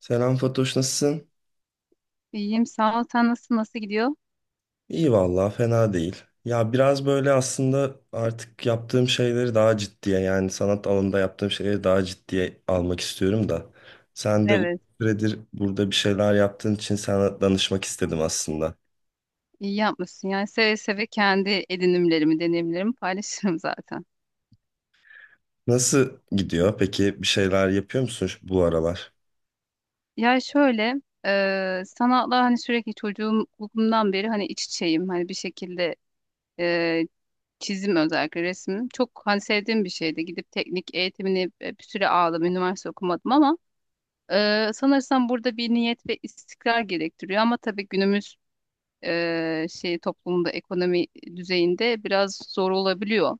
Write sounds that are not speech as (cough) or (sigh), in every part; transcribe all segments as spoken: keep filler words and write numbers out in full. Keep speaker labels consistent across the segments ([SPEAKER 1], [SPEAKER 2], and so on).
[SPEAKER 1] Selam Fatoş, nasılsın?
[SPEAKER 2] İyiyim sağ ol. Sen nasıl nasıl gidiyor?
[SPEAKER 1] İyi vallahi fena değil. Ya biraz böyle aslında artık yaptığım şeyleri daha ciddiye yani sanat alanında yaptığım şeyleri daha ciddiye almak istiyorum da. Sen de uzun
[SPEAKER 2] Evet.
[SPEAKER 1] süredir burada bir şeyler yaptığın için sana danışmak istedim aslında.
[SPEAKER 2] İyi yapmışsın. Yani seve seve kendi edinimlerimi, deneyimlerimi paylaşırım zaten.
[SPEAKER 1] Nasıl gidiyor? Peki bir şeyler yapıyor musun şu- bu aralar?
[SPEAKER 2] Ya şöyle, e, sanatla hani sürekli çocukluğumdan beri hani iç içeyim. Hani bir şekilde e, çizim özellikle resim. Çok hani sevdiğim bir şeydi. Gidip teknik eğitimini e, bir süre aldım. Üniversite okumadım ama e, sanırsam burada bir niyet ve istikrar gerektiriyor. Ama tabii günümüz e, şey toplumunda, ekonomi düzeyinde biraz zor olabiliyor.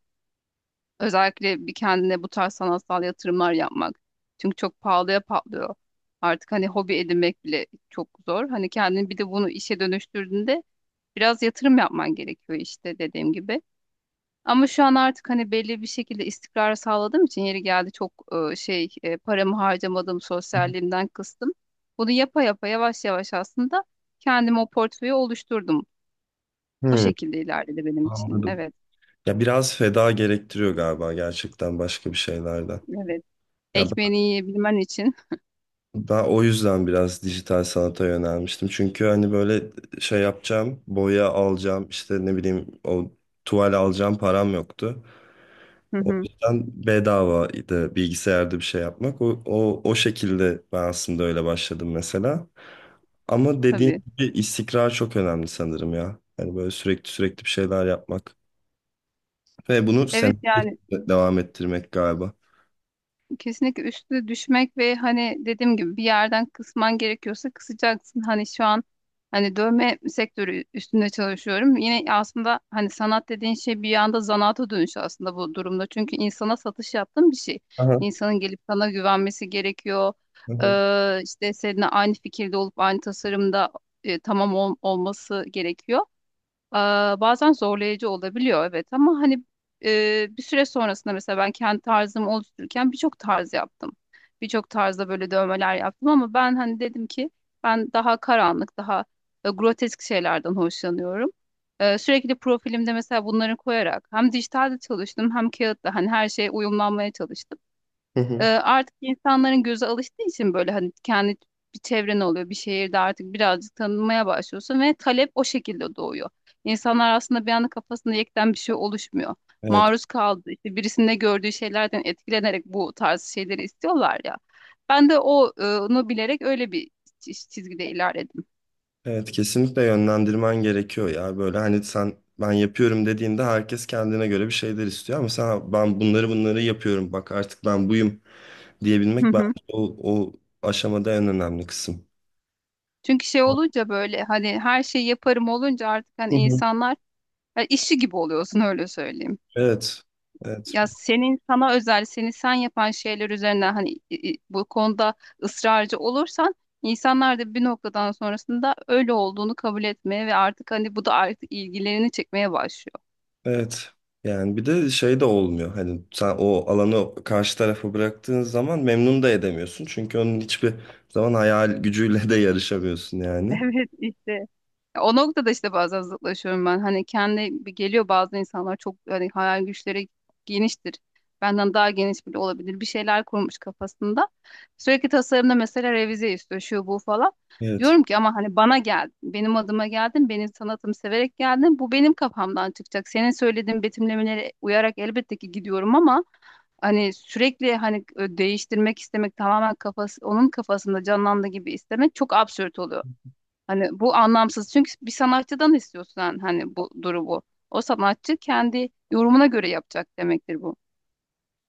[SPEAKER 2] Özellikle bir kendine bu tarz sanatsal yatırımlar yapmak. Çünkü çok pahalıya patlıyor. Artık hani hobi edinmek bile çok zor. Hani kendini bir de bunu işe dönüştürdüğünde biraz yatırım yapman gerekiyor işte dediğim gibi. Ama şu an artık hani belli bir şekilde istikrar sağladığım için yeri geldi çok e, şey e, paramı harcamadım, sosyalliğimden kıstım. Bunu yapa yapa yavaş yavaş aslında kendime o portföyü oluşturdum. O
[SPEAKER 1] Hmm,
[SPEAKER 2] şekilde ilerledi benim için.
[SPEAKER 1] anladım.
[SPEAKER 2] Evet,
[SPEAKER 1] Ya biraz feda gerektiriyor galiba gerçekten başka bir şeylerden.
[SPEAKER 2] evet.
[SPEAKER 1] Ya
[SPEAKER 2] Ekmeğini yiyebilmen için.
[SPEAKER 1] ben o yüzden biraz dijital sanata yönelmiştim. Çünkü hani böyle şey yapacağım, boya alacağım, işte ne bileyim o tuval alacağım param yoktu.
[SPEAKER 2] (laughs) Hı
[SPEAKER 1] O
[SPEAKER 2] hı,
[SPEAKER 1] yüzden bedavaydı bilgisayarda bir şey yapmak. O, o, o şekilde ben aslında öyle başladım mesela. Ama dediğin
[SPEAKER 2] tabii.
[SPEAKER 1] gibi istikrar çok önemli sanırım ya. Yani böyle sürekli sürekli bir şeyler yapmak. Ve bunu
[SPEAKER 2] Evet
[SPEAKER 1] senelerce
[SPEAKER 2] yani
[SPEAKER 1] devam ettirmek galiba.
[SPEAKER 2] kesinlikle üstüne düşmek ve hani dediğim gibi bir yerden kısman gerekiyorsa kısacaksın. Hani şu an hani dövme sektörü üstünde çalışıyorum. Yine aslında hani sanat dediğin şey bir yanda zanaata dönüşü aslında bu durumda. Çünkü insana satış yaptığın bir şey.
[SPEAKER 1] Aha,
[SPEAKER 2] İnsanın gelip sana güvenmesi gerekiyor.
[SPEAKER 1] hı hı.
[SPEAKER 2] Ee, işte seninle aynı fikirde olup aynı tasarımda e, tamam ol- olması gerekiyor. Aa, bazen zorlayıcı olabiliyor, evet, ama hani e, bir süre sonrasında mesela ben kendi tarzımı oluştururken birçok tarz yaptım. Birçok tarzda böyle dövmeler yaptım ama ben hani dedim ki ben daha karanlık, daha e, grotesk şeylerden hoşlanıyorum. E, sürekli profilimde mesela bunları koyarak hem dijitalde çalıştım hem kağıtta hani her şeye uyumlanmaya çalıştım.
[SPEAKER 1] Hı
[SPEAKER 2] Ee,
[SPEAKER 1] hı.
[SPEAKER 2] artık insanların gözü alıştığı için böyle hani kendi bir çevren oluyor, bir şehirde artık birazcık tanınmaya başlıyorsun ve talep o şekilde doğuyor. İnsanlar aslında bir anda kafasında yekten bir şey oluşmuyor.
[SPEAKER 1] Evet,
[SPEAKER 2] Maruz kaldı işte, birisinde gördüğü şeylerden etkilenerek bu tarz şeyleri istiyorlar ya. Ben de o, e, onu bilerek öyle bir çiz- çizgide ilerledim.
[SPEAKER 1] evet, kesinlikle yönlendirmen gerekiyor ya. Böyle hani sen ben yapıyorum dediğinde herkes kendine göre bir şeyler istiyor ama sen ben bunları bunları yapıyorum bak artık ben buyum diyebilmek bence
[SPEAKER 2] (laughs)
[SPEAKER 1] o, o aşamada en önemli kısım.
[SPEAKER 2] Çünkü şey olunca, böyle hani her şeyi yaparım olunca, artık hani
[SPEAKER 1] Hı hı.
[SPEAKER 2] insanlar ya işi gibi oluyorsun öyle söyleyeyim.
[SPEAKER 1] Evet. Evet.
[SPEAKER 2] Ya senin sana özel seni sen yapan şeyler üzerine hani i- i- bu konuda ısrarcı olursan insanlar da bir noktadan sonrasında öyle olduğunu kabul etmeye ve artık hani bu da artık ilgilerini çekmeye başlıyor.
[SPEAKER 1] Evet. Yani bir de şey de olmuyor. Hani sen o alanı karşı tarafa bıraktığın zaman memnun da edemiyorsun. Çünkü onun hiçbir zaman hayal gücüyle de yarışamıyorsun
[SPEAKER 2] (laughs)
[SPEAKER 1] yani.
[SPEAKER 2] Evet işte. O noktada işte bazen zıtlaşıyorum ben. Hani kendi geliyor, bazı insanlar çok hani hayal güçleri geniştir. Benden daha geniş bile olabilir. Bir şeyler kurmuş kafasında. Sürekli tasarımda mesela revize istiyor şu bu falan.
[SPEAKER 1] Evet.
[SPEAKER 2] Diyorum ki ama hani bana geldin. Benim adıma geldin. Benim sanatımı severek geldin. Bu benim kafamdan çıkacak. Senin söylediğin betimlemelere uyarak elbette ki gidiyorum ama hani sürekli hani değiştirmek istemek, tamamen kafası onun kafasında canlandığı gibi istemek çok absürt oluyor. Hani bu anlamsız. Çünkü bir sanatçıdan istiyorsun hani hani bu durumu. O sanatçı kendi yorumuna göre yapacak demektir bu.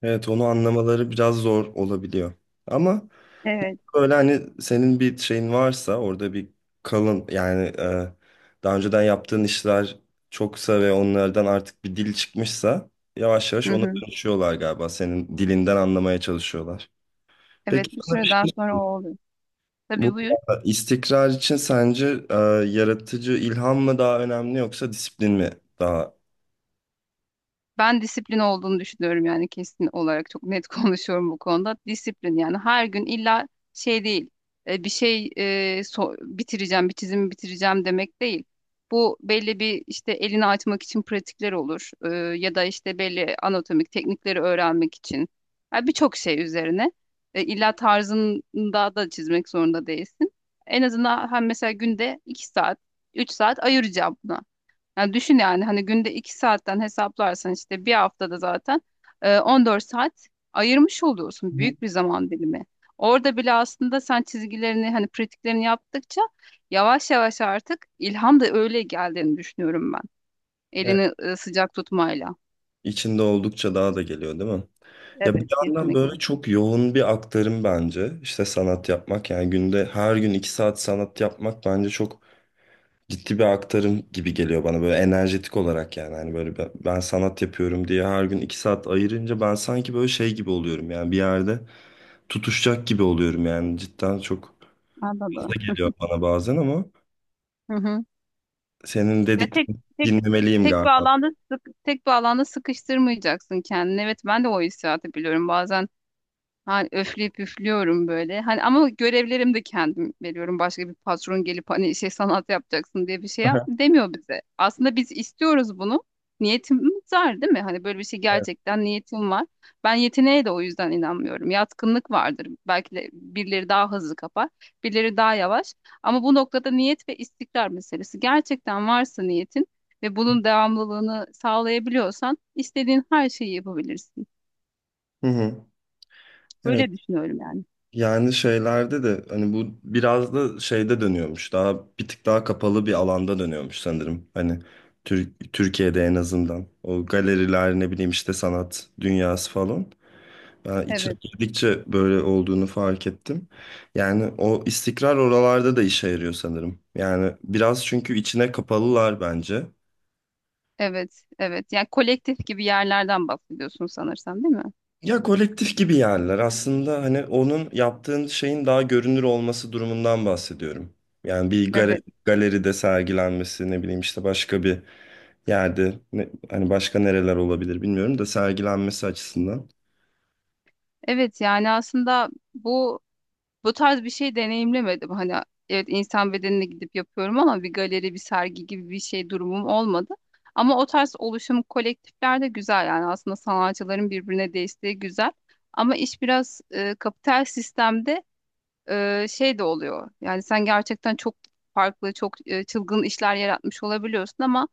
[SPEAKER 1] Evet, onu anlamaları biraz zor olabiliyor. Ama
[SPEAKER 2] Evet.
[SPEAKER 1] böyle hani senin bir şeyin varsa orada bir kalın yani e, daha önceden yaptığın işler çoksa ve onlardan artık bir dil çıkmışsa yavaş yavaş
[SPEAKER 2] Hı
[SPEAKER 1] ona
[SPEAKER 2] hı.
[SPEAKER 1] dönüşüyorlar galiba. Senin dilinden anlamaya çalışıyorlar. Peki
[SPEAKER 2] Evet, bir
[SPEAKER 1] sana bir
[SPEAKER 2] süreden
[SPEAKER 1] şey...
[SPEAKER 2] sonra o oluyor. Tabii,
[SPEAKER 1] Bu
[SPEAKER 2] buyur.
[SPEAKER 1] e, istikrar için sence e, yaratıcı ilham mı daha önemli yoksa disiplin mi daha...
[SPEAKER 2] Ben disiplin olduğunu düşünüyorum, yani kesin olarak çok net (laughs) konuşuyorum bu konuda. Disiplin, yani her gün illa şey değil, e, bir şey e, so- bitireceğim, bir çizimi bitireceğim demek değil. Bu belli bir, işte, elini açmak için pratikler olur, e, ya da işte belli anatomik teknikleri öğrenmek için. Yani birçok şey üzerine e, illa tarzında da çizmek zorunda değilsin. En azından hem mesela günde iki saat, üç saat ayıracağım buna. Yani düşün, yani hani günde iki saatten hesaplarsan işte bir haftada zaten e, on dört saat ayırmış oluyorsun.
[SPEAKER 1] Hı.
[SPEAKER 2] Büyük bir zaman dilimi. Orada bile aslında sen çizgilerini, hani pratiklerini yaptıkça yavaş yavaş artık ilham da öyle geldiğini düşünüyorum ben.
[SPEAKER 1] Evet.
[SPEAKER 2] Elini e, sıcak tutmayla.
[SPEAKER 1] içinde oldukça daha da geliyor değil mi? Ya bir
[SPEAKER 2] Evet,
[SPEAKER 1] yandan
[SPEAKER 2] kesinlikle.
[SPEAKER 1] böyle çok yoğun bir aktarım bence. İşte sanat yapmak yani günde her gün iki saat sanat yapmak bence çok ciddi bir aktarım gibi geliyor bana böyle enerjetik olarak yani. Hani böyle ben, ben sanat yapıyorum diye her gün iki saat ayırınca ben sanki böyle şey gibi oluyorum yani bir yerde tutuşacak gibi oluyorum yani cidden çok fazla
[SPEAKER 2] Anladım.
[SPEAKER 1] geliyor bana bazen ama.
[SPEAKER 2] Hı hı.
[SPEAKER 1] Senin
[SPEAKER 2] Ya tek
[SPEAKER 1] dediklerini
[SPEAKER 2] tek
[SPEAKER 1] dinlemeliyim
[SPEAKER 2] tek bir
[SPEAKER 1] galiba. (laughs)
[SPEAKER 2] alanda sık, tek bir alanda sıkıştırmayacaksın kendini. Evet, ben de o hissiyatı biliyorum. Bazen hani öfleyip üflüyorum böyle. Hani ama görevlerimi de kendim veriyorum. Başka bir patron gelip hani şey sanat yapacaksın diye bir şey yap-
[SPEAKER 1] Aha.
[SPEAKER 2] demiyor bize. Aslında biz istiyoruz bunu. Niyetimiz var değil mi? Hani böyle bir şey, gerçekten niyetim var. Ben yeteneğe de o yüzden inanmıyorum. Yatkınlık vardır. Belki de birileri daha hızlı kapar, birileri daha yavaş. Ama bu noktada niyet ve istikrar meselesi. Gerçekten varsa niyetin ve bunun devamlılığını sağlayabiliyorsan istediğin her şeyi yapabilirsin.
[SPEAKER 1] Hı hı. Evet.
[SPEAKER 2] Böyle düşünüyorum yani.
[SPEAKER 1] Yani şeylerde de hani bu biraz da şeyde dönüyormuş. Daha bir tık daha kapalı bir alanda dönüyormuş sanırım. Hani Tür- Türkiye'de en azından. O galeriler ne bileyim işte sanat dünyası falan. Ben içine
[SPEAKER 2] Evet.
[SPEAKER 1] girdikçe böyle olduğunu fark ettim. Yani o istikrar oralarda da işe yarıyor sanırım. Yani biraz çünkü içine kapalılar bence.
[SPEAKER 2] Evet, evet. Yani kolektif gibi yerlerden bahsediyorsun sanırsam, değil mi?
[SPEAKER 1] Ya kolektif gibi yerler. Aslında hani onun yaptığın şeyin daha görünür olması durumundan bahsediyorum. Yani bir gale-
[SPEAKER 2] Evet.
[SPEAKER 1] galeride sergilenmesi ne bileyim işte başka bir yerde ne- hani başka nereler olabilir bilmiyorum da sergilenmesi açısından.
[SPEAKER 2] Evet, yani aslında bu bu tarz bir şey deneyimlemedim. Hani evet, insan bedenine gidip yapıyorum ama bir galeri, bir sergi gibi bir şey durumum olmadı. Ama o tarz oluşum kolektifler de güzel, yani aslında sanatçıların birbirine desteği güzel. Ama iş biraz e, kapital sistemde e, şey de oluyor. Yani sen gerçekten çok farklı, çok e, çılgın işler yaratmış olabiliyorsun ama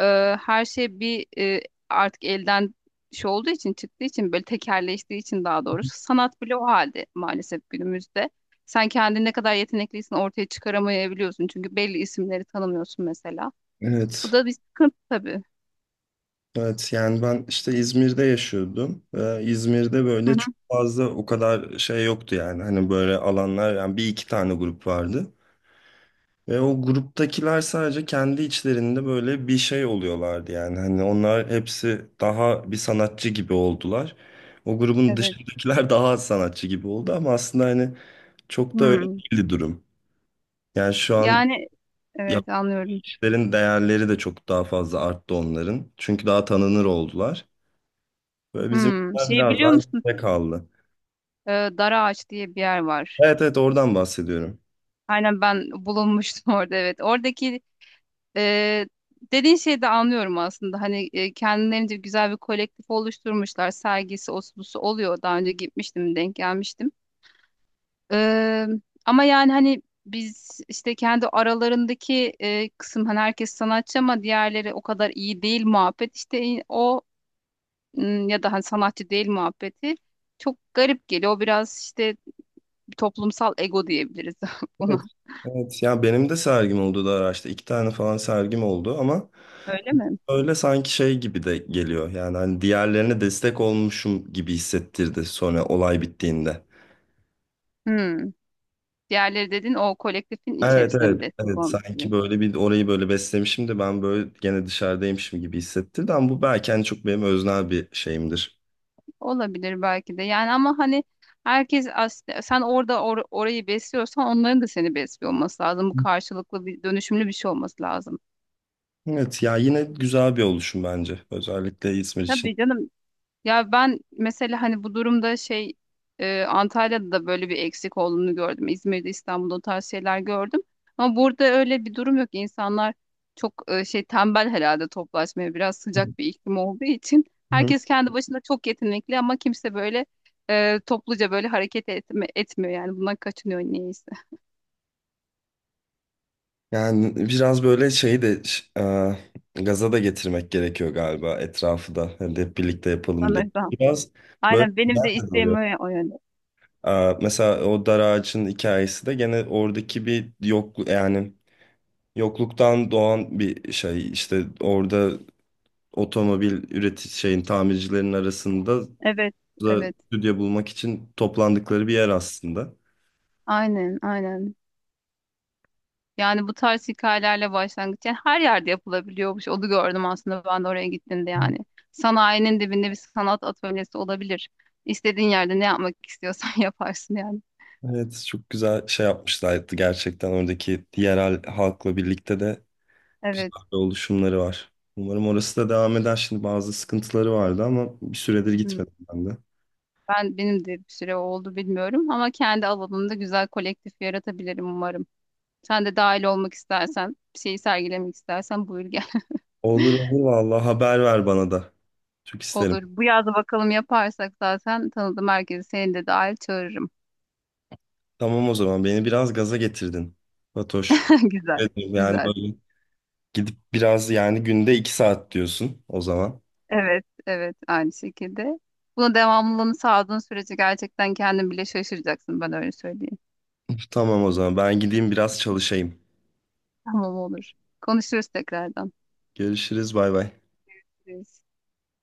[SPEAKER 2] e, her şey bir, e, artık elden şey olduğu için çıktığı için, böyle tekerleştiği için daha doğrusu sanat bile o halde maalesef günümüzde. Sen kendini ne kadar yetenekliysen ortaya çıkaramayabiliyorsun çünkü belli isimleri tanımıyorsun mesela. Bu
[SPEAKER 1] Evet.
[SPEAKER 2] da bir sıkıntı tabii.
[SPEAKER 1] Evet yani ben işte İzmir'de yaşıyordum. Ee, İzmir'de
[SPEAKER 2] Hı
[SPEAKER 1] böyle çok
[SPEAKER 2] hı,
[SPEAKER 1] fazla o kadar şey yoktu yani. Hani böyle alanlar yani bir iki tane grup vardı. Ve o gruptakiler sadece kendi içlerinde böyle bir şey oluyorlardı yani. Hani onlar hepsi daha bir sanatçı gibi oldular. O grubun
[SPEAKER 2] evet.
[SPEAKER 1] dışındakiler (laughs) daha az sanatçı gibi oldu ama aslında hani çok da öyle
[SPEAKER 2] Hmm.
[SPEAKER 1] değildi durum. Yani şu an
[SPEAKER 2] Yani evet, anlıyorum.
[SPEAKER 1] yaptıkların değerleri de çok daha fazla arttı onların. Çünkü daha tanınır oldular. Böyle
[SPEAKER 2] Hmm.
[SPEAKER 1] bizimkiler
[SPEAKER 2] Şey,
[SPEAKER 1] biraz
[SPEAKER 2] biliyor
[SPEAKER 1] daha
[SPEAKER 2] musun?
[SPEAKER 1] geride kaldı.
[SPEAKER 2] Ee, Dara Ağaç diye bir yer var.
[SPEAKER 1] Evet, evet, oradan bahsediyorum.
[SPEAKER 2] Aynen, ben bulunmuştum (laughs) orada, evet. Oradaki. Ee, Dediğin şeyi de anlıyorum aslında. Hani e, kendilerince güzel bir kolektif oluşturmuşlar. Sergisi, osbusu oluyor. Daha önce gitmiştim, denk gelmiştim. Ee, Ama yani hani biz işte kendi aralarındaki e, kısım, hani herkes sanatçı ama diğerleri o kadar iyi değil muhabbet. İşte in- o m, ya da hani sanatçı değil muhabbeti çok garip geliyor. O biraz işte toplumsal ego diyebiliriz (laughs) buna.
[SPEAKER 1] Evet. Evet, ya benim de sergim oldu da araçta. İki tane falan sergim oldu ama
[SPEAKER 2] Öyle mi?
[SPEAKER 1] öyle sanki şey gibi de geliyor. Yani hani diğerlerine destek olmuşum gibi hissettirdi sonra olay bittiğinde.
[SPEAKER 2] Hmm. Diğerleri dedin, o kolektifin
[SPEAKER 1] Evet,
[SPEAKER 2] içerisine mi
[SPEAKER 1] evet,
[SPEAKER 2] destek
[SPEAKER 1] evet,
[SPEAKER 2] olmuş?
[SPEAKER 1] sanki böyle bir orayı böyle beslemişim de ben böyle gene dışarıdaymışım gibi hissettirdi ama bu belki hani çok benim öznel bir şeyimdir.
[SPEAKER 2] Olabilir, belki de. Yani ama hani herkes aslında, sen orada or- orayı besliyorsan onların da seni besliyor olması lazım. Bu karşılıklı bir, dönüşümlü bir şey olması lazım.
[SPEAKER 1] Evet ya, yine güzel bir oluşum bence özellikle İzmir için.
[SPEAKER 2] Tabii canım. Ya ben mesela hani bu durumda şey e, Antalya'da da böyle bir eksik olduğunu gördüm. İzmir'de, İstanbul'da o tarz şeyler gördüm. Ama burada öyle bir durum yok. İnsanlar çok e, şey tembel herhalde, toplaşmaya. Biraz sıcak bir iklim olduğu için,
[SPEAKER 1] Hı.
[SPEAKER 2] herkes kendi başına çok yetenekli ama kimse böyle e, topluca böyle hareket etme, etmiyor yani. Bundan kaçınıyor niyeyse.
[SPEAKER 1] Yani biraz böyle şeyi de ş- e, gaza da getirmek gerekiyor galiba etrafı da. Hani hep birlikte yapalım diye.
[SPEAKER 2] Sanırım.
[SPEAKER 1] Biraz böyle
[SPEAKER 2] Aynen, benim de
[SPEAKER 1] güzel de
[SPEAKER 2] isteğim
[SPEAKER 1] oluyor.
[SPEAKER 2] o, o yönde.
[SPEAKER 1] Aa, mesela o dar ağacın hikayesi de gene oradaki bir yokluk yani, yokluktan doğan bir şey işte orada otomobil üretici şeyin tamircilerin arasında
[SPEAKER 2] Evet,
[SPEAKER 1] da
[SPEAKER 2] evet.
[SPEAKER 1] stüdyo bulmak için toplandıkları bir yer aslında.
[SPEAKER 2] Aynen, aynen. Yani bu tarz hikayelerle başlangıç, yani her yerde yapılabiliyormuş. Onu gördüm aslında ben de oraya gittiğimde yani. Sanayinin dibinde bir sanat atölyesi olabilir. İstediğin yerde ne yapmak istiyorsan (laughs) yaparsın yani.
[SPEAKER 1] Evet, çok güzel şey yapmışlardı gerçekten, oradaki yerel halkla birlikte de güzel
[SPEAKER 2] Evet.
[SPEAKER 1] oluşumları var. Umarım orası da devam eder. Şimdi bazı sıkıntıları vardı ama bir süredir
[SPEAKER 2] Hmm.
[SPEAKER 1] gitmedim ben de.
[SPEAKER 2] Ben benim de bir süre oldu bilmiyorum ama kendi alanımda güzel kolektif yaratabilirim umarım. Sen de dahil olmak istersen, bir şeyi sergilemek istersen buyur gel.
[SPEAKER 1] Olur, olur, vallahi haber ver bana da.
[SPEAKER 2] (laughs)
[SPEAKER 1] Çok isterim.
[SPEAKER 2] Olur. Bu yaz bakalım, yaparsak zaten tanıdığım herkesi, seni de dahil, çağırırım.
[SPEAKER 1] Tamam, o zaman beni biraz gaza getirdin, Fatoş.
[SPEAKER 2] (laughs) Güzel.
[SPEAKER 1] Evet yani
[SPEAKER 2] Güzel.
[SPEAKER 1] böyle gidip biraz yani günde iki saat diyorsun o zaman.
[SPEAKER 2] Evet, evet, aynı şekilde. Buna devamlılığını sağladığın sürece gerçekten kendin bile şaşıracaksın, ben öyle söyleyeyim.
[SPEAKER 1] Tamam, o zaman ben gideyim biraz çalışayım.
[SPEAKER 2] Tamam, olur. Konuşuruz tekrardan.
[SPEAKER 1] Görüşürüz, bay bay.
[SPEAKER 2] Görüşürüz.